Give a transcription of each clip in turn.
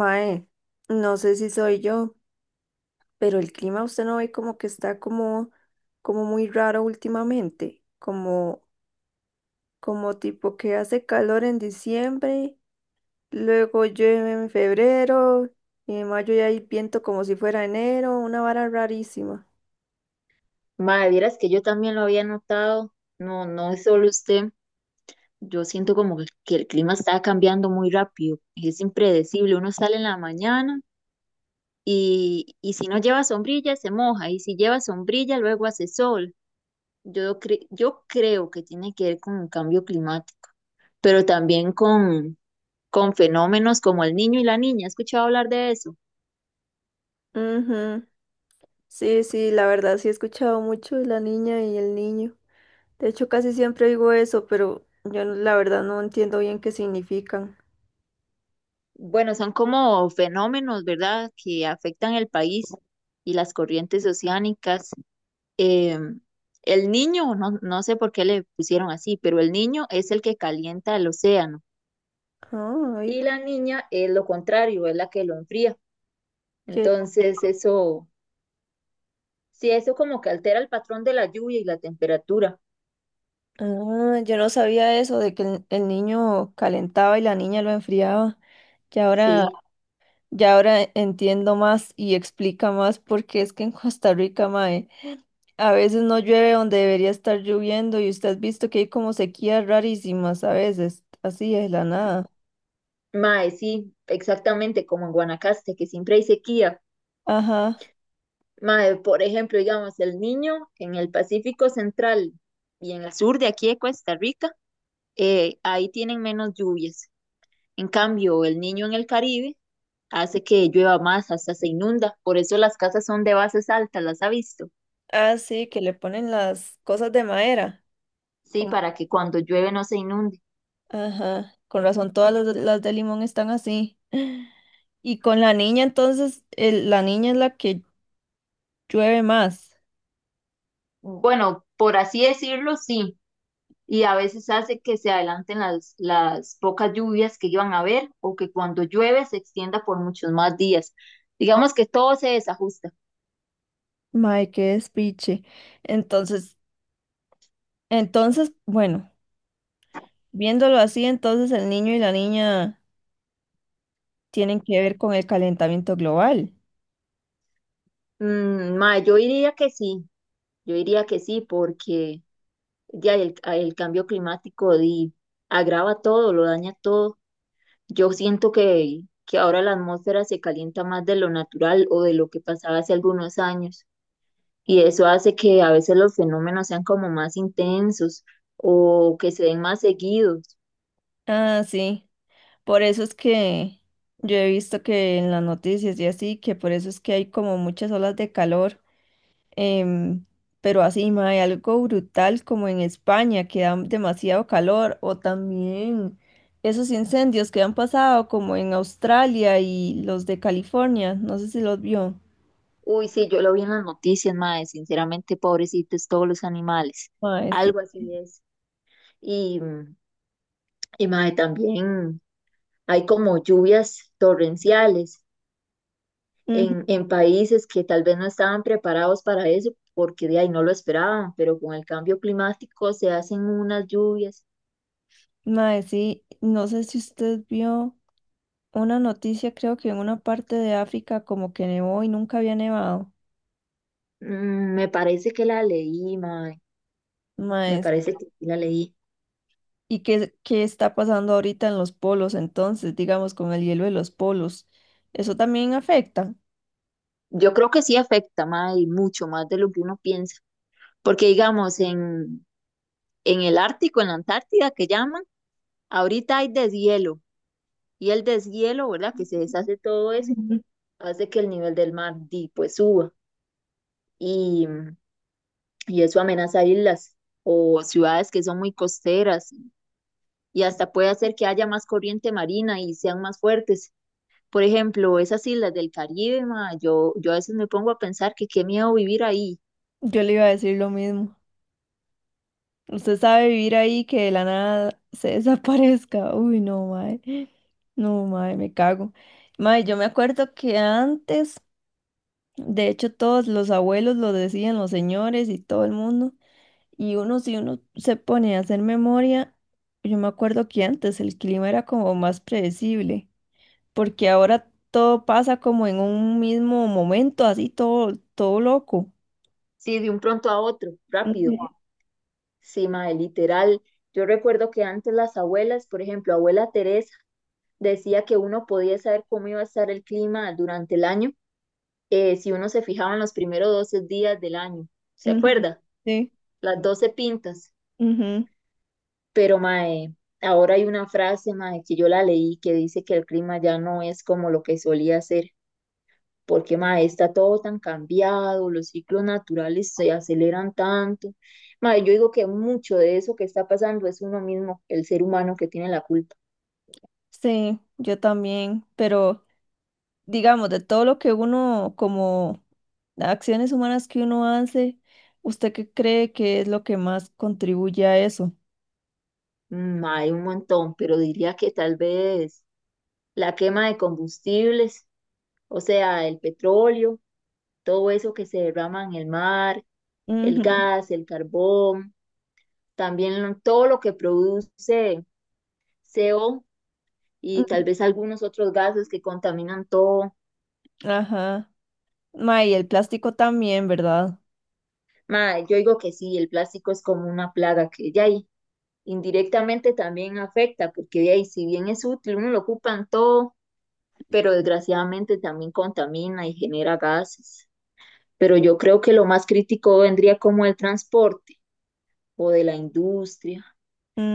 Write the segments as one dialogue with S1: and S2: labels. S1: Mae, no sé si soy yo, pero el clima usted no ve como que está como muy raro últimamente, como tipo que hace calor en diciembre, luego llueve en febrero, y en mayo ya hay viento como si fuera enero, una vara rarísima.
S2: Madre, vieras que yo también lo había notado. No, no es solo usted. Yo siento como que el clima está cambiando muy rápido. Es impredecible. Uno sale en la mañana y si no lleva sombrilla se moja. Y si lleva sombrilla luego hace sol. Yo creo que tiene que ver con el cambio climático, pero también con fenómenos como el niño y la niña. ¿He escuchado hablar de eso?
S1: Ujú. Sí, sí, la verdad sí he escuchado mucho de la niña y el niño. De hecho, casi siempre digo eso, pero yo la verdad no entiendo bien qué significan.
S2: Bueno, son como fenómenos, ¿verdad?, que afectan el país y las corrientes oceánicas. Eh, el niño, no, no sé por qué le pusieron así, pero el niño es el que calienta el océano
S1: Ah,
S2: y
S1: oiga.
S2: la niña es lo contrario, es la que lo enfría. Entonces, eso, sí, eso como que altera el patrón de la lluvia y la temperatura.
S1: Ah, yo no sabía eso de que el niño calentaba y la niña lo enfriaba. Ya ahora,
S2: Sí,
S1: ya ahora entiendo más y explica más porque es que en Costa Rica, mae, a veces no llueve donde debería estar lloviendo y usted ha visto que hay como sequías rarísimas a veces, así es la nada.
S2: mae, sí, exactamente como en Guanacaste, que siempre hay sequía.
S1: Ajá.
S2: Mae, por ejemplo, digamos, el niño en el Pacífico Central y en el sur de aquí de Costa Rica, ahí tienen menos lluvias. En cambio, el niño en el Caribe hace que llueva más, hasta se inunda. Por eso las casas son de bases altas, ¿las ha visto?
S1: Ah, sí, que le ponen las cosas de madera.
S2: Sí,
S1: como-
S2: para que cuando llueve no se inunde.
S1: Ajá. Con razón todas las de limón están así. Y con la niña entonces, la niña es la que llueve más.
S2: Bueno, por así decirlo, sí. Y a veces hace que se adelanten las pocas lluvias que iban a haber o que cuando llueve se extienda por muchos más días. Digamos que todo se desajusta.
S1: Mae, qué despiche. Entonces, bueno, viéndolo así, entonces el niño y la niña tienen que ver con el calentamiento global.
S2: Ma, yo diría que sí, yo diría que sí, porque ya el cambio climático di, agrava todo, lo daña todo. Yo siento que ahora la atmósfera se calienta más de lo natural o de lo que pasaba hace algunos años y eso hace que a veces los fenómenos sean como más intensos o que se den más seguidos.
S1: Ah, sí. Por eso es que yo he visto que en las noticias y así, que por eso es que hay como muchas olas de calor. em, pero así, mae, algo brutal como en España, que da demasiado calor, o también esos incendios que han pasado como en Australia y los de California, no sé si los vio.
S2: Uy, sí, yo lo vi en las noticias, mae, sinceramente, pobrecitos todos los animales.
S1: Mae, sí.
S2: Algo así es. Y, y mae, también hay como lluvias torrenciales
S1: Ujú.
S2: en países que tal vez no estaban preparados para eso, porque de ahí no lo esperaban, pero con el cambio climático se hacen unas lluvias.
S1: Mae, sí, no sé si usted vio una noticia, creo que en una parte de África como que nevó y nunca había nevado.
S2: Me parece que la leí, mae, me
S1: Mae, s-
S2: parece que sí la leí.
S1: ¿Y qué, qué está pasando ahorita en los polos entonces, digamos, con el hielo de los polos? ¿Eso también afecta?
S2: Yo creo que sí afecta, mae, y mucho más de lo que uno piensa, porque digamos, en el Ártico, en la Antártida, que llaman, ahorita hay deshielo, y el deshielo, ¿verdad? Que se deshace todo eso,
S1: Ujú.
S2: hace que el nivel del mar, di, pues suba. y y eso amenaza islas o ciudades que son muy costeras y hasta puede hacer que haya más corriente marina y sean más fuertes. Por ejemplo, esas islas del Caribe, ma, yo a veces me pongo a pensar que qué miedo vivir ahí,
S1: Yo le iba a decir lo mismo. Usted sabe vivir ahí que de la nada se desaparezca. Uy, no, mae. No, mae, me cago. Mae, yo me acuerdo que antes. De hecho, todos los abuelos lo decían, los señores y todo el mundo. Y uno, si uno se pone a hacer memoria, yo me acuerdo que antes el clima era como más predecible, porque ahora todo pasa como en un mismo momento, así todo, todo loco.
S2: sí, de un pronto a otro,
S1: Ujú,
S2: rápido, sí, ma, literal. Yo recuerdo que antes las abuelas, por ejemplo, abuela Teresa, decía que uno podía saber cómo iba a estar el clima durante el año, si uno se fijaba en los primeros 12 días del año. ¿Se
S1: ujú.
S2: acuerda?
S1: Sí,
S2: Las 12 pintas.
S1: ujú,
S2: Pero, mae, ahora hay una frase, mae, que yo la leí que dice que el clima ya no es como lo que solía ser, porque, mae, está todo tan cambiado, los ciclos naturales se aceleran tanto. Mae, yo digo que mucho de eso que está pasando es uno mismo, el ser humano que tiene la culpa.
S1: sí, yo también. Pero digamos, de todo lo que uno, como acciones humanas que uno hace, ¿usted qué cree que es lo que más contribuye a eso?
S2: Mae, un montón, pero diría que tal vez la quema de combustibles, o sea, el petróleo, todo eso que se derrama en el mar, el
S1: Ujú,
S2: gas, el carbón. También todo lo que produce CO y
S1: ujú.
S2: tal vez algunos otros gases que contaminan todo.
S1: Ajá. Mae, y el plástico también, ¿verdad?
S2: Ma, yo digo que sí, el plástico es como una plaga que ya ahí indirectamente también afecta, porque de ahí si bien es útil, uno lo ocupa en todo, pero desgraciadamente también contamina y genera gases. Pero yo creo que lo más crítico vendría como el transporte o de la industria.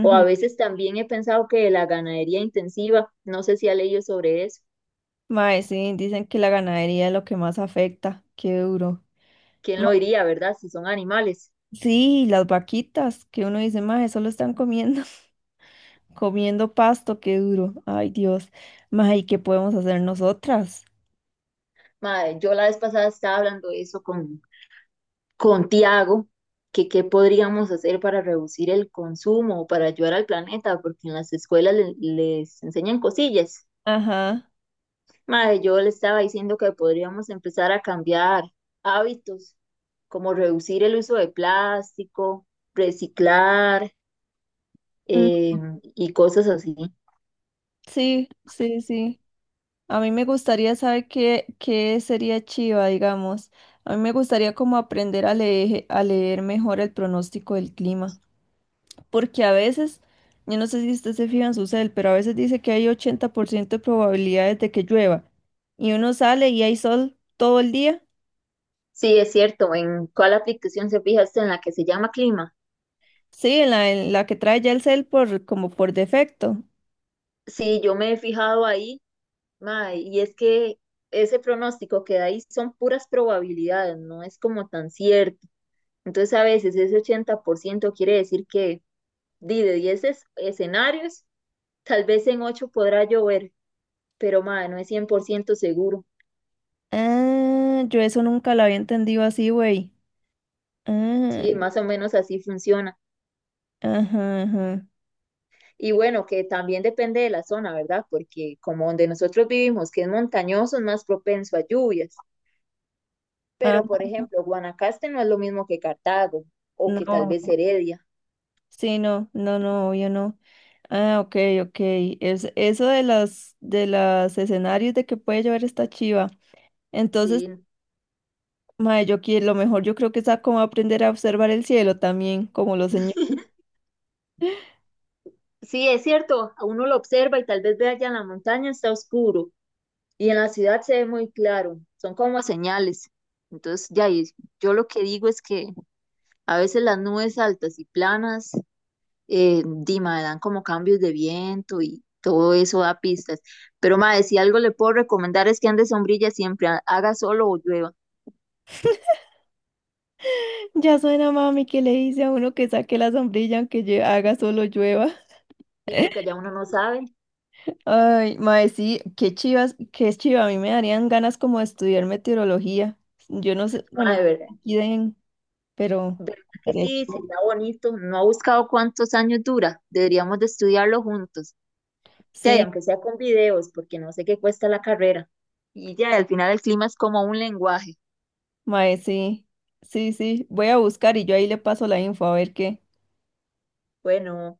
S2: O a veces también he pensado que de la ganadería intensiva, no sé si ha leído sobre eso.
S1: Mae, sí, dicen que la ganadería es lo que más afecta. Qué duro.
S2: ¿Quién
S1: Ma-
S2: lo diría, verdad? Si son animales.
S1: Sí, las vaquitas, que uno dice, mae, solo están comiendo, comiendo pasto, qué duro. Ay, Dios. Mae, ¿y qué podemos hacer nosotras?
S2: Madre, yo la vez pasada estaba hablando de eso con Tiago, que qué podríamos hacer para reducir el consumo o para ayudar al planeta, porque en las escuelas les enseñan cosillas.
S1: Ajá.
S2: Madre, yo le estaba diciendo que podríamos empezar a cambiar hábitos, como reducir el uso de plástico, reciclar,
S1: Mm.
S2: eh, y cosas así.
S1: Sí, sí, sí. A mí me gustaría saber qué, qué sería chiva, digamos. A mí me gustaría como aprender a leer mejor el pronóstico del clima. Porque a veces, yo no sé si usted se fija en su cel, pero a veces dice que hay 80% de probabilidades de que llueva. Y uno sale y hay sol todo el día.
S2: Sí, es cierto. ¿En cuál aplicación se fija usted? ¿En la que se llama Clima?
S1: Sí, en la que trae ya el cel por, como por defecto.
S2: Sí, yo me he fijado ahí, mae, y es que ese pronóstico que da ahí son puras probabilidades, no es como tan cierto. Entonces a veces ese 80% quiere decir que di, de 10 escenarios, tal vez en 8 podrá llover, pero mae, no es 100% seguro.
S1: Ah, yo eso nunca lo había entendido así, güey. Ah,
S2: Sí, más o menos así funciona.
S1: ajá, ajá.
S2: Y bueno, que también depende de la zona, ¿verdad? Porque como donde nosotros vivimos, que es montañoso, es más propenso a lluvias.
S1: Ah,
S2: Pero, por ejemplo, Guanacaste no es lo mismo que Cartago o que tal vez
S1: no.
S2: Heredia.
S1: Sí, no, no, no, yo no. Ah, ok, ok. Es, eso de las, de los escenarios de que puede llover esta chiva. Entonces,
S2: Sí,
S1: mae, yo quiero, lo mejor yo creo que es como aprender a observar el cielo también, como los señores.
S2: sí, es cierto, a uno lo observa y tal vez ve allá en la montaña está oscuro y en la ciudad se ve muy claro, son como señales. Entonces, ya, y yo lo que digo es que a veces las nubes altas y planas, Dima, dan como cambios de viento y todo eso da pistas. Pero, madre, si algo le puedo recomendar es que ande sombrilla siempre, haga solo o llueva.
S1: Ya suena mami que le dice a uno que saque la sombrilla aunque haga solo llueva.
S2: Sí, porque allá uno no sabe.
S1: Ay, mae, sí, qué chivas, qué chiva, a mí me darían ganas como de estudiar meteorología. Yo no sé,
S2: Madre,
S1: bueno,
S2: ¿verdad?
S1: aquí den, pero
S2: ¿Verdad que
S1: estaría
S2: sí?
S1: chido.
S2: Sería bonito. No ha buscado cuántos años dura. Deberíamos de estudiarlo juntos. Ya, y
S1: Sí,
S2: aunque sea con videos, porque no sé qué cuesta la carrera. Y ya, al final el clima es como un lenguaje.
S1: mae, sí, sí, sí, voy a buscar y yo ahí le paso la info a ver qué.
S2: Bueno,